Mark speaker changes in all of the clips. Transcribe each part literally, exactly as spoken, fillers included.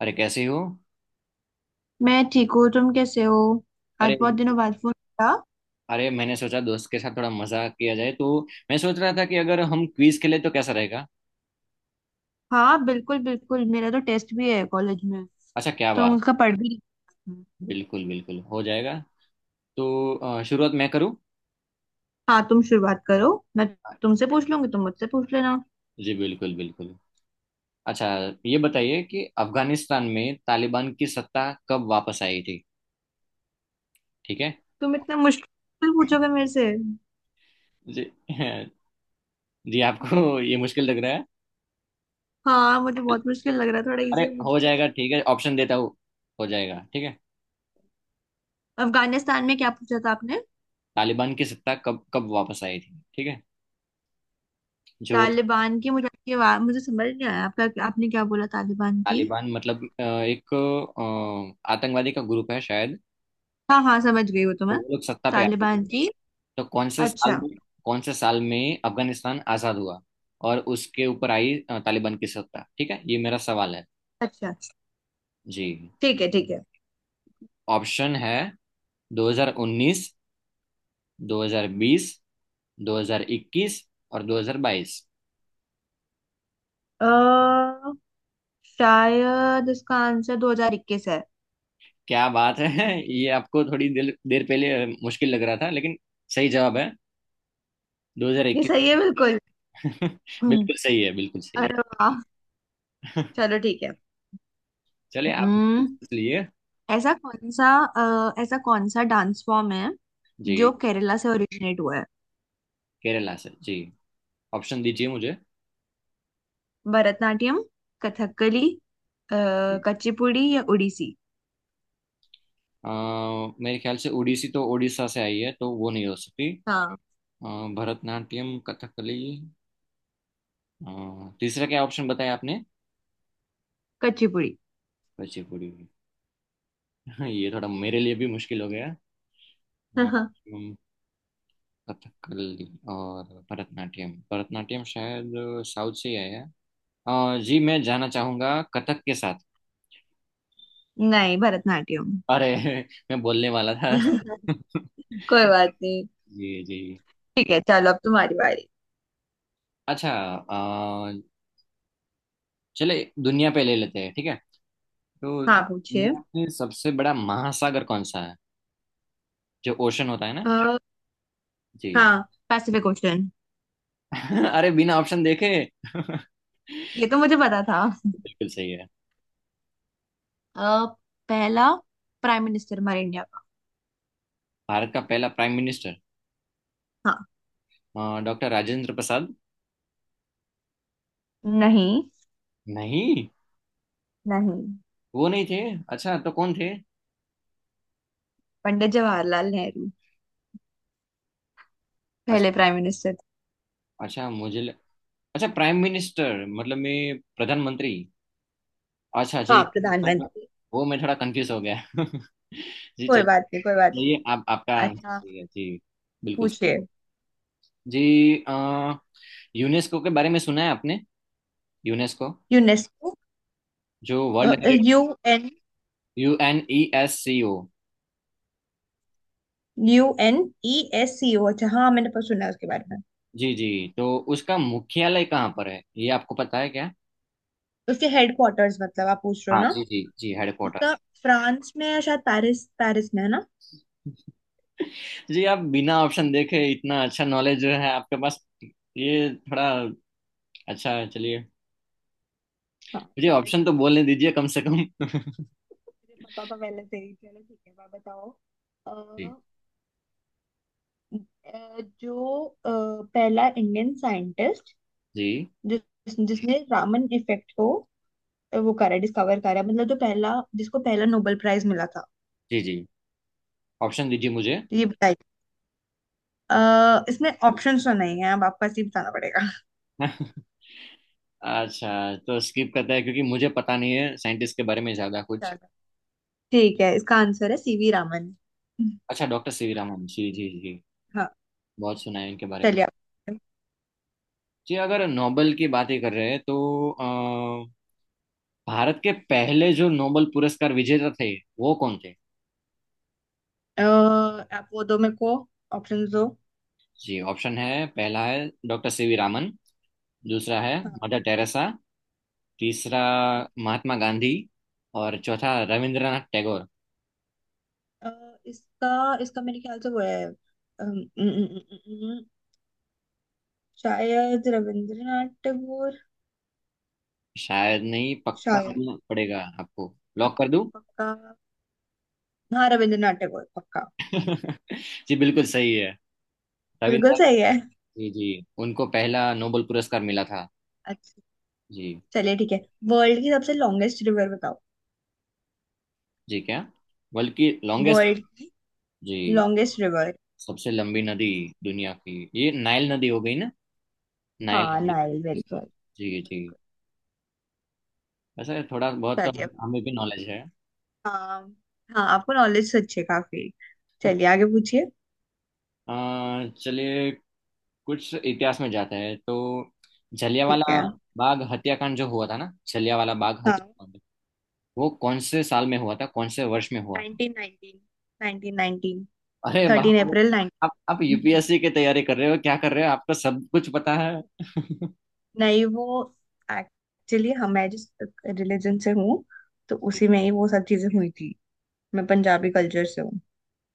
Speaker 1: अरे कैसे हो?
Speaker 2: मैं ठीक हूँ। तुम कैसे हो?
Speaker 1: अरे,
Speaker 2: आज बहुत दिनों बाद फोन किया।
Speaker 1: अरे, मैंने सोचा दोस्त के साथ थोड़ा मजाक किया जाए तो। मैं सोच रहा था कि अगर हम क्विज खेले तो कैसा रहेगा।
Speaker 2: हाँ, बिल्कुल बिल्कुल, मेरा तो टेस्ट भी है कॉलेज में,
Speaker 1: अच्छा, क्या
Speaker 2: तो हम
Speaker 1: बात।
Speaker 2: उसका पढ़ भी रही थी।
Speaker 1: बिल्कुल बिल्कुल, हो जाएगा। तो अ, शुरुआत मैं करूं?
Speaker 2: हाँ, तुम शुरुआत करो। मैं तुमसे पूछ लूंगी, तुम मुझसे पूछ लेना।
Speaker 1: जी बिल्कुल बिल्कुल। अच्छा, ये बताइए कि अफगानिस्तान में तालिबान की सत्ता कब वापस आई थी? ठीक है।
Speaker 2: तुम इतना मुश्किल पूछोगे मेरे से?
Speaker 1: जी जी, आपको ये मुश्किल लग रहा है?
Speaker 2: हाँ, मुझे बहुत मुश्किल लग रहा है, थोड़ा
Speaker 1: अरे
Speaker 2: इजी
Speaker 1: हो
Speaker 2: पूछो।
Speaker 1: जाएगा, ठीक है, ऑप्शन देता हूँ। हो जाएगा, ठीक है।
Speaker 2: अफगानिस्तान में क्या पूछा था आपने?
Speaker 1: तालिबान की सत्ता कब कब वापस आई थी, ठीक है? जो
Speaker 2: तालिबान की मुझे आपकी आवाज मुझे समझ नहीं आया आपका, आपने क्या बोला? तालिबान की?
Speaker 1: तालिबान मतलब अ, एक अ, आतंकवादी का ग्रुप है शायद।
Speaker 2: हाँ हाँ, समझ गई, वो तो
Speaker 1: तो
Speaker 2: मैं,
Speaker 1: वो लोग सत्ता पे आए
Speaker 2: तालिबान
Speaker 1: थे।
Speaker 2: की,
Speaker 1: तो कौन से साल
Speaker 2: अच्छा।
Speaker 1: में, कौन से साल में अफगानिस्तान आजाद हुआ और उसके ऊपर आई अ, तालिबान की सत्ता, ठीक है? ये मेरा सवाल है।
Speaker 2: अच्छा,
Speaker 1: जी,
Speaker 2: ठीक है ठीक है।
Speaker 1: ऑप्शन है दो हज़ार उन्नीस, दो हज़ार बीस, दो हज़ार इक्कीस और दो हज़ार बाईस।
Speaker 2: अ, शायद इसका आंसर दो हज़ार इक्कीस है।
Speaker 1: क्या बात है ये आपको थोड़ी देर देर पहले अ, मुश्किल लग रहा था लेकिन सही जवाब है
Speaker 2: ये सही है
Speaker 1: दो हज़ार इक्कीस।
Speaker 2: बिल्कुल। हम्म।
Speaker 1: बिल्कुल सही है, बिल्कुल सही
Speaker 2: अरे वाह,
Speaker 1: है।
Speaker 2: चलो ठीक है।
Speaker 1: चलिए आप।
Speaker 2: हम्म,
Speaker 1: इसलिए
Speaker 2: ऐसा कौन सा, अ, ऐसा कौन सा डांस फॉर्म है
Speaker 1: जी।
Speaker 2: जो केरला से ओरिजिनेट हुआ है?
Speaker 1: केरला से जी। ऑप्शन दीजिए मुझे।
Speaker 2: भरतनाट्यम, कथकली, अ, कुचिपुड़ी या उड़ीसी?
Speaker 1: अ, मेरे ख्याल से ओडिसी तो उड़ीसा से आई है तो वो नहीं हो सकती।
Speaker 2: हाँ,
Speaker 1: अ, भरतनाट्यम, कथकली, अ, तीसरा क्या ऑप्शन बताया आपने?
Speaker 2: कुचिपुड़ी।
Speaker 1: कुचिपुड़ी। ये थोड़ा मेरे लिए भी मुश्किल हो गया। अ, अम, कथकली और भरतनाट्यम, भरतनाट्यम शायद साउथ से ही आया है। अ, जी, मैं जाना चाहूंगा कथक के साथ।
Speaker 2: नहीं, भरतनाट्यम।
Speaker 1: अरे मैं बोलने वाला था।
Speaker 2: कोई बात नहीं।
Speaker 1: जी जी।
Speaker 2: ठीक है, चलो अब तुम्हारी बारी।
Speaker 1: अच्छा। अ, चले दुनिया पे ले लेते हैं, ठीक है? तो
Speaker 2: हाँ पूछिए।
Speaker 1: दुनिया में सबसे बड़ा महासागर कौन सा है, जो ओशन होता है ना?
Speaker 2: अ,
Speaker 1: जी
Speaker 2: हाँ, पैसिफिक ओशन।
Speaker 1: अरे बिना ऑप्शन देखे
Speaker 2: ये तो मुझे पता था।
Speaker 1: बिल्कुल सही है।
Speaker 2: अ, पहला प्राइम मिनिस्टर हमारे इंडिया का।
Speaker 1: भारत का पहला प्राइम मिनिस्टर
Speaker 2: हाँ।
Speaker 1: डॉक्टर राजेंद्र प्रसाद।
Speaker 2: नहीं।
Speaker 1: नहीं,
Speaker 2: नहीं।
Speaker 1: वो नहीं थे। अच्छा तो कौन थे?
Speaker 2: पंडित जवाहरलाल नेहरू पहले
Speaker 1: अच्छा,
Speaker 2: प्राइम मिनिस्टर थे।
Speaker 1: अच्छा, मुझे ल... अच्छा, प्राइम मिनिस्टर मतलब मैं प्रधानमंत्री। अच्छा जी।
Speaker 2: हाँ, प्रधानमंत्री।
Speaker 1: वो मैं थोड़ा कंफ्यूज हो गया जी
Speaker 2: कोई
Speaker 1: चलिए।
Speaker 2: बात नहीं, कोई बात नहीं।
Speaker 1: ये आप, आपका आंसर
Speaker 2: अच्छा,
Speaker 1: सही है जी। बिल्कुल सही
Speaker 2: पूछिए।
Speaker 1: है। जी अ, यूनेस्को के बारे में सुना है आपने? UNESCO,
Speaker 2: UNESCO.
Speaker 1: जो world heritage,
Speaker 2: U N.
Speaker 1: U N E S C O.
Speaker 2: U N E S C O. अच्छा हाँ, मैंने पर सुना है उसके बारे में।
Speaker 1: जी जी। तो उसका मुख्यालय कहाँ पर है, ये आपको पता है क्या?
Speaker 2: उसके हेडक्वार्टर्स मतलब आप पूछ रहे हो
Speaker 1: हाँ
Speaker 2: ना?
Speaker 1: जी जी जी,
Speaker 2: उसका
Speaker 1: हेडक्वार्टर्स।
Speaker 2: फ्रांस में या शायद पेरिस, पेरिस में है ना?
Speaker 1: जी, आप बिना ऑप्शन देखे इतना अच्छा नॉलेज जो है आपके पास, ये थोड़ा अच्छा है, चलिए।
Speaker 2: हाँ,
Speaker 1: मुझे
Speaker 2: चलो ठीक
Speaker 1: ऑप्शन तो बोलने दीजिए कम से कम
Speaker 2: है, मुझे पता तो पहले से ही। चलो ठीक है, आप बताओ।
Speaker 1: जी
Speaker 2: अ, जो अ, पहला इंडियन साइंटिस्ट
Speaker 1: जी।
Speaker 2: जिस जिसने रामन इफेक्ट को, अ, वो करा, डिस्कवर करा, मतलब जो पहला, जिसको पहला नोबेल प्राइज मिला था।
Speaker 1: जी जी। ऑप्शन दीजिए मुझे।
Speaker 2: तो ये बताइए, अ, इसमें ऑप्शंस तो नहीं है, अब आपको ऐसे ही बताना पड़ेगा।
Speaker 1: अच्छा, तो स्किप करता है क्योंकि मुझे पता नहीं है साइंटिस्ट के बारे में ज्यादा कुछ।
Speaker 2: चलो ठीक है, इसका आंसर है सीवी रामन।
Speaker 1: अच्छा, डॉक्टर सीवी रामन, जी जी जी।
Speaker 2: हाँ।
Speaker 1: बहुत सुना है इनके बारे में।
Speaker 2: चलिए आप।
Speaker 1: जी, अगर नोबेल की बात ही कर रहे हैं तो अ, भारत के पहले जो नोबेल पुरस्कार विजेता थे, वो कौन थे?
Speaker 2: अ, आप वो दो मेरे को, ऑप्शंस दो।
Speaker 1: जी ऑप्शन है, पहला है डॉक्टर सीवी रामन, दूसरा है
Speaker 2: हाँ।
Speaker 1: मदर टेरेसा, तीसरा
Speaker 2: हाँ,
Speaker 1: महात्मा गांधी और चौथा रविंद्रनाथ टैगोर।
Speaker 2: अ, इसका इसका मेरे ख्याल से वो है, अम, अम, अम, अम, अम, शायद रविंद्रनाथ टैगोर।
Speaker 1: शायद नहीं, पक्का
Speaker 2: शायद,
Speaker 1: बोलना पड़ेगा आपको,
Speaker 2: अ,
Speaker 1: लॉक कर दूं?
Speaker 2: पक्का। हाँ, रविंद्रनाथ टैगोर पक्का।
Speaker 1: जी बिल्कुल सही है।
Speaker 2: बिल्कुल
Speaker 1: रविन्द्रनाथ।
Speaker 2: सही है।
Speaker 1: जी जी, उनको पहला नोबेल पुरस्कार मिला था।
Speaker 2: अच्छा,
Speaker 1: जी।
Speaker 2: चलिए ठीक है। वर्ल्ड की सबसे लॉन्गेस्ट रिवर बताओ।
Speaker 1: जी क्या? बल्कि लॉन्गेस्ट।
Speaker 2: वर्ल्ड
Speaker 1: जी।
Speaker 2: Longest river.
Speaker 1: सबसे लंबी नदी दुनिया की, ये नाइल नदी हो गई ना, नाइल
Speaker 2: हाँ,
Speaker 1: नदी।
Speaker 2: नाइल। Very good.
Speaker 1: जी जी। ऐसा थोड़ा बहुत तो
Speaker 2: चलिए।
Speaker 1: हम- हमें भी नॉलेज है।
Speaker 2: हाँ। हाँ, आपको नॉलेज अच्छी है काफी। चलिए आगे पूछिए।
Speaker 1: अ, चलिए कुछ इतिहास में जाते हैं तो
Speaker 2: ठीक
Speaker 1: जलियांवाला
Speaker 2: है।
Speaker 1: बाग हत्याकांड, जो हुआ था ना जलियांवाला बाग
Speaker 2: हाँ,
Speaker 1: हत्याकांड, वो कौन से साल में हुआ था, कौन से वर्ष में हुआ था?
Speaker 2: Nineteen nineteen nineteen nineteen.
Speaker 1: अरे बाप
Speaker 2: थर्टीन
Speaker 1: रे।
Speaker 2: अप्रैल
Speaker 1: आप आप
Speaker 2: नाइनटीन।
Speaker 1: यूपीएससी की तैयारी कर रहे हो क्या कर रहे हो, आपको सब कुछ पता है
Speaker 2: नहीं, वो एक्चुअली हम मैं जिस रिलीजन से हूँ तो उसी में ही वो सब चीजें हुई थी। मैं पंजाबी कल्चर से हूँ,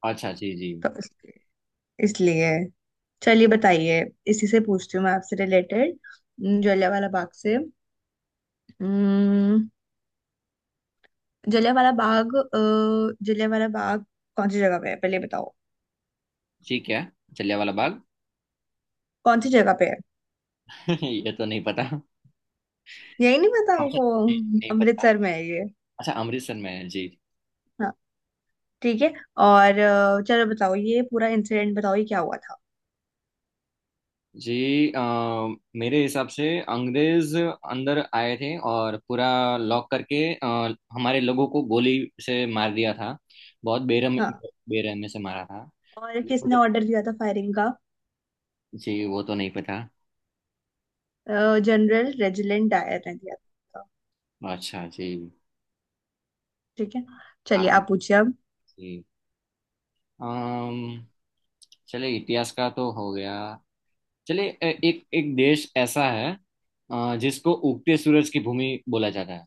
Speaker 1: अच्छा जी जी।
Speaker 2: तो इस- इसलिए। चलिए बताइए। इसी से पूछती हूँ मैं आपसे रिलेटेड, जलियांवाला बाग से। अम्म, जलियांवाला बाग अ, जलियांवाला बाग कौन सी जगह पे है, पहले बताओ।
Speaker 1: ठीक है, जलियांवाला बाग।
Speaker 2: कौन सी जगह पे है?
Speaker 1: ये तो नहीं पता।
Speaker 2: यही नहीं पता
Speaker 1: अच्छा
Speaker 2: आपको?
Speaker 1: जी, नहीं पता।
Speaker 2: अमृतसर में है ये।
Speaker 1: अच्छा, अमृतसर में है जी।
Speaker 2: हाँ, ठीक है। और अ, चलो बताओ, ये पूरा इंसिडेंट बताओ, ये क्या हुआ था?
Speaker 1: जी अ, मेरे हिसाब से अंग्रेज अंदर आए थे और पूरा लॉक करके अ, हमारे लोगों को गोली से मार दिया था, बहुत बेरहम,
Speaker 2: हाँ।
Speaker 1: बेरहमी से मारा था।
Speaker 2: और किसने
Speaker 1: मुझे,
Speaker 2: ऑर्डर दिया था फायरिंग का?
Speaker 1: जी वो तो नहीं पता।
Speaker 2: जनरल रेजिडेंट डायर ने दिया था।
Speaker 1: अच्छा जी।
Speaker 2: ठीक है, चलिए
Speaker 1: आप।
Speaker 2: आप पूछिए।
Speaker 1: जी अम्म, चले इतिहास का तो हो गया। चले ए- एक एक देश ऐसा है अ, जिसको उगते सूरज की भूमि बोला जाता है,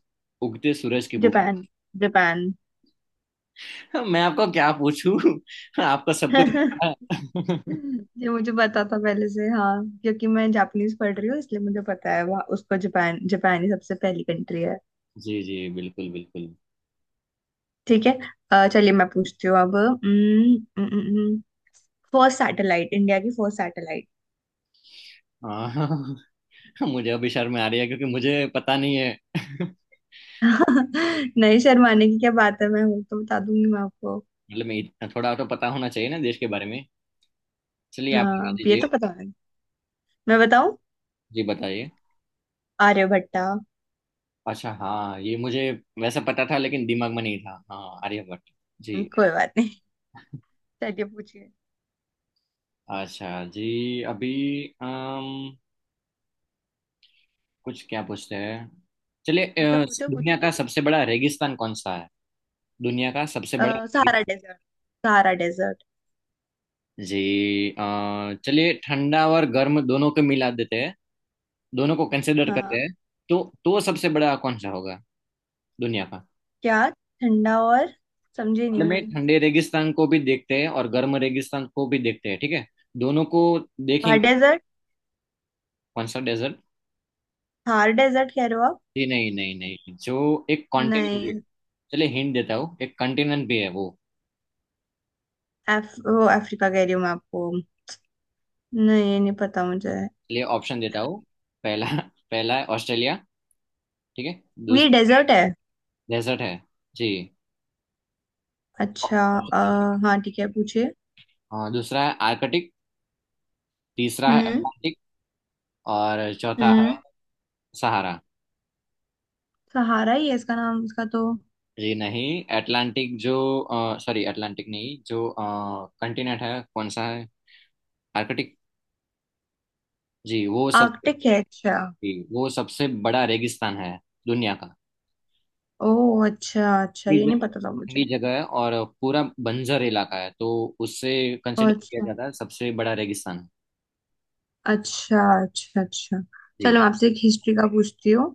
Speaker 1: उगते सूरज की भूमि।
Speaker 2: जापान। जापान।
Speaker 1: मैं आपको क्या पूछूं आपका सब कुछ पता है।
Speaker 2: ये मुझे पता था पहले से, हाँ, क्योंकि मैं जापानीज पढ़ रही हूँ इसलिए मुझे पता है, वहाँ उसको, जापान, जापान ही सबसे पहली कंट्री है।
Speaker 1: जी जी बिल्कुल बिल्कुल।
Speaker 2: ठीक है, अ, चलिए मैं पूछती हूँ अब, फर्स्ट सैटेलाइट, इंडिया की फर्स्ट सैटेलाइट।
Speaker 1: अ, मुझे अभी शर्म आ रही है क्योंकि मुझे पता नहीं है
Speaker 2: नहीं, शर्माने की क्या बात है, मैं हूँ तो बता दूंगी मैं आपको।
Speaker 1: मतलब मैं, इतना थोड़ा तो पता होना चाहिए ना देश के बारे में। चलिए आप बता
Speaker 2: हाँ, ये
Speaker 1: दीजिए।
Speaker 2: तो पता है। मैं बताऊँ?
Speaker 1: जी बताइए।
Speaker 2: आर्यभट्टा।
Speaker 1: अच्छा, हाँ ये मुझे वैसे पता था लेकिन दिमाग में नहीं था, हाँ आर्यभट्ट। जी।
Speaker 2: कोई बात नहीं, चलिए पूछिए।
Speaker 1: अच्छा जी। अभी अम, कुछ क्या पूछते हैं? चलिए
Speaker 2: पूछो
Speaker 1: अ,
Speaker 2: पूछो
Speaker 1: दुनिया
Speaker 2: पूछो।
Speaker 1: का सबसे बड़ा रेगिस्तान कौन सा है? दुनिया का सबसे
Speaker 2: अ,
Speaker 1: बड़ा रेगिस्तान।
Speaker 2: Sahara desert, Sahara desert.
Speaker 1: जी अ, चलिए ठंडा और गर्म दोनों को मिला देते हैं, दोनों को कंसिडर करते
Speaker 2: हाँ
Speaker 1: हैं, तो तो सबसे बड़ा कौन सा होगा दुनिया का?
Speaker 2: क्या? ठंडा और, समझी नहीं
Speaker 1: मतलब में
Speaker 2: मैं।
Speaker 1: ठंडे रेगिस्तान को भी देखते हैं और गर्म रेगिस्तान को भी देखते हैं, ठीक है? दोनों को
Speaker 2: थार
Speaker 1: देखेंगे।
Speaker 2: डेजर्ट?
Speaker 1: कौन सा डेजर्ट?
Speaker 2: थार डेजर्ट कह रहे हो आप?
Speaker 1: जी नहीं नहीं नहीं, जो एक कॉन्टिनेंट भी है।
Speaker 2: नहीं,
Speaker 1: चलिए हिंट देता हूँ, एक कॉन्टिनेंट भी है वो।
Speaker 2: अफ, वो अफ्रीका कह रही हूँ मैं आपको। नहीं, ये नहीं पता मुझे।
Speaker 1: लिए ऑप्शन देता हूँ। पहला, पहला है ऑस्ट्रेलिया, ठीक है?
Speaker 2: ये
Speaker 1: दूसरा।
Speaker 2: डेजर्ट है?
Speaker 1: डेजर्ट है जी।
Speaker 2: अच्छा, आ, हाँ ठीक है पूछिए।
Speaker 1: हाँ दूसरा है आर्कटिक, तीसरा है
Speaker 2: हम्म।
Speaker 1: अटलांटिक, और चौथा है
Speaker 2: हम्म।
Speaker 1: सहारा।
Speaker 2: सहारा ही है इसका नाम, इसका तो।
Speaker 1: जी नहीं, अटलांटिक जो, सॉरी अटलांटिक नहीं, जो कंटिनेंट है कौन सा है, आर्कटिक। जी, वो सब।
Speaker 2: आर्कटिक है? अच्छा।
Speaker 1: जी, वो सबसे बड़ा रेगिस्तान है दुनिया का।
Speaker 2: ओ, अच्छा अच्छा,
Speaker 1: ठंडी
Speaker 2: ये नहीं
Speaker 1: जगह,
Speaker 2: पता था
Speaker 1: ठंडी
Speaker 2: मुझे।
Speaker 1: जगह है और पूरा बंजर इलाका है तो उससे कंसिडर किया
Speaker 2: अच्छा
Speaker 1: जाता है सबसे बड़ा रेगिस्तान।
Speaker 2: अच्छा, अच्छा अच्छा।
Speaker 1: जी।
Speaker 2: चलो मैं आपसे एक हिस्ट्री का पूछती हूँ।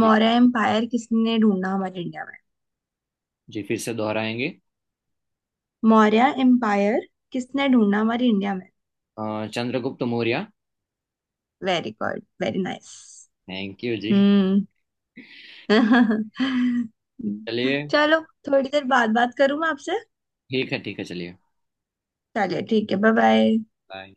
Speaker 1: जी,
Speaker 2: मौर्य एम्पायर किसने ढूंढा हमारे इंडिया में?
Speaker 1: जी फिर से दोहराएंगे?
Speaker 2: मौर्य एम्पायर किसने ढूंढा हमारी इंडिया में?
Speaker 1: अ, Chandragupta Maurya.
Speaker 2: Very good, very nice.
Speaker 1: Thank you जी।
Speaker 2: हम्म।
Speaker 1: चलिए।
Speaker 2: चलो, थोड़ी देर बाद बात करूँ मैं आपसे।
Speaker 1: ठीक है, ठीक है, चलिए।
Speaker 2: चलिए ठीक है, बाय बाय।
Speaker 1: बाय।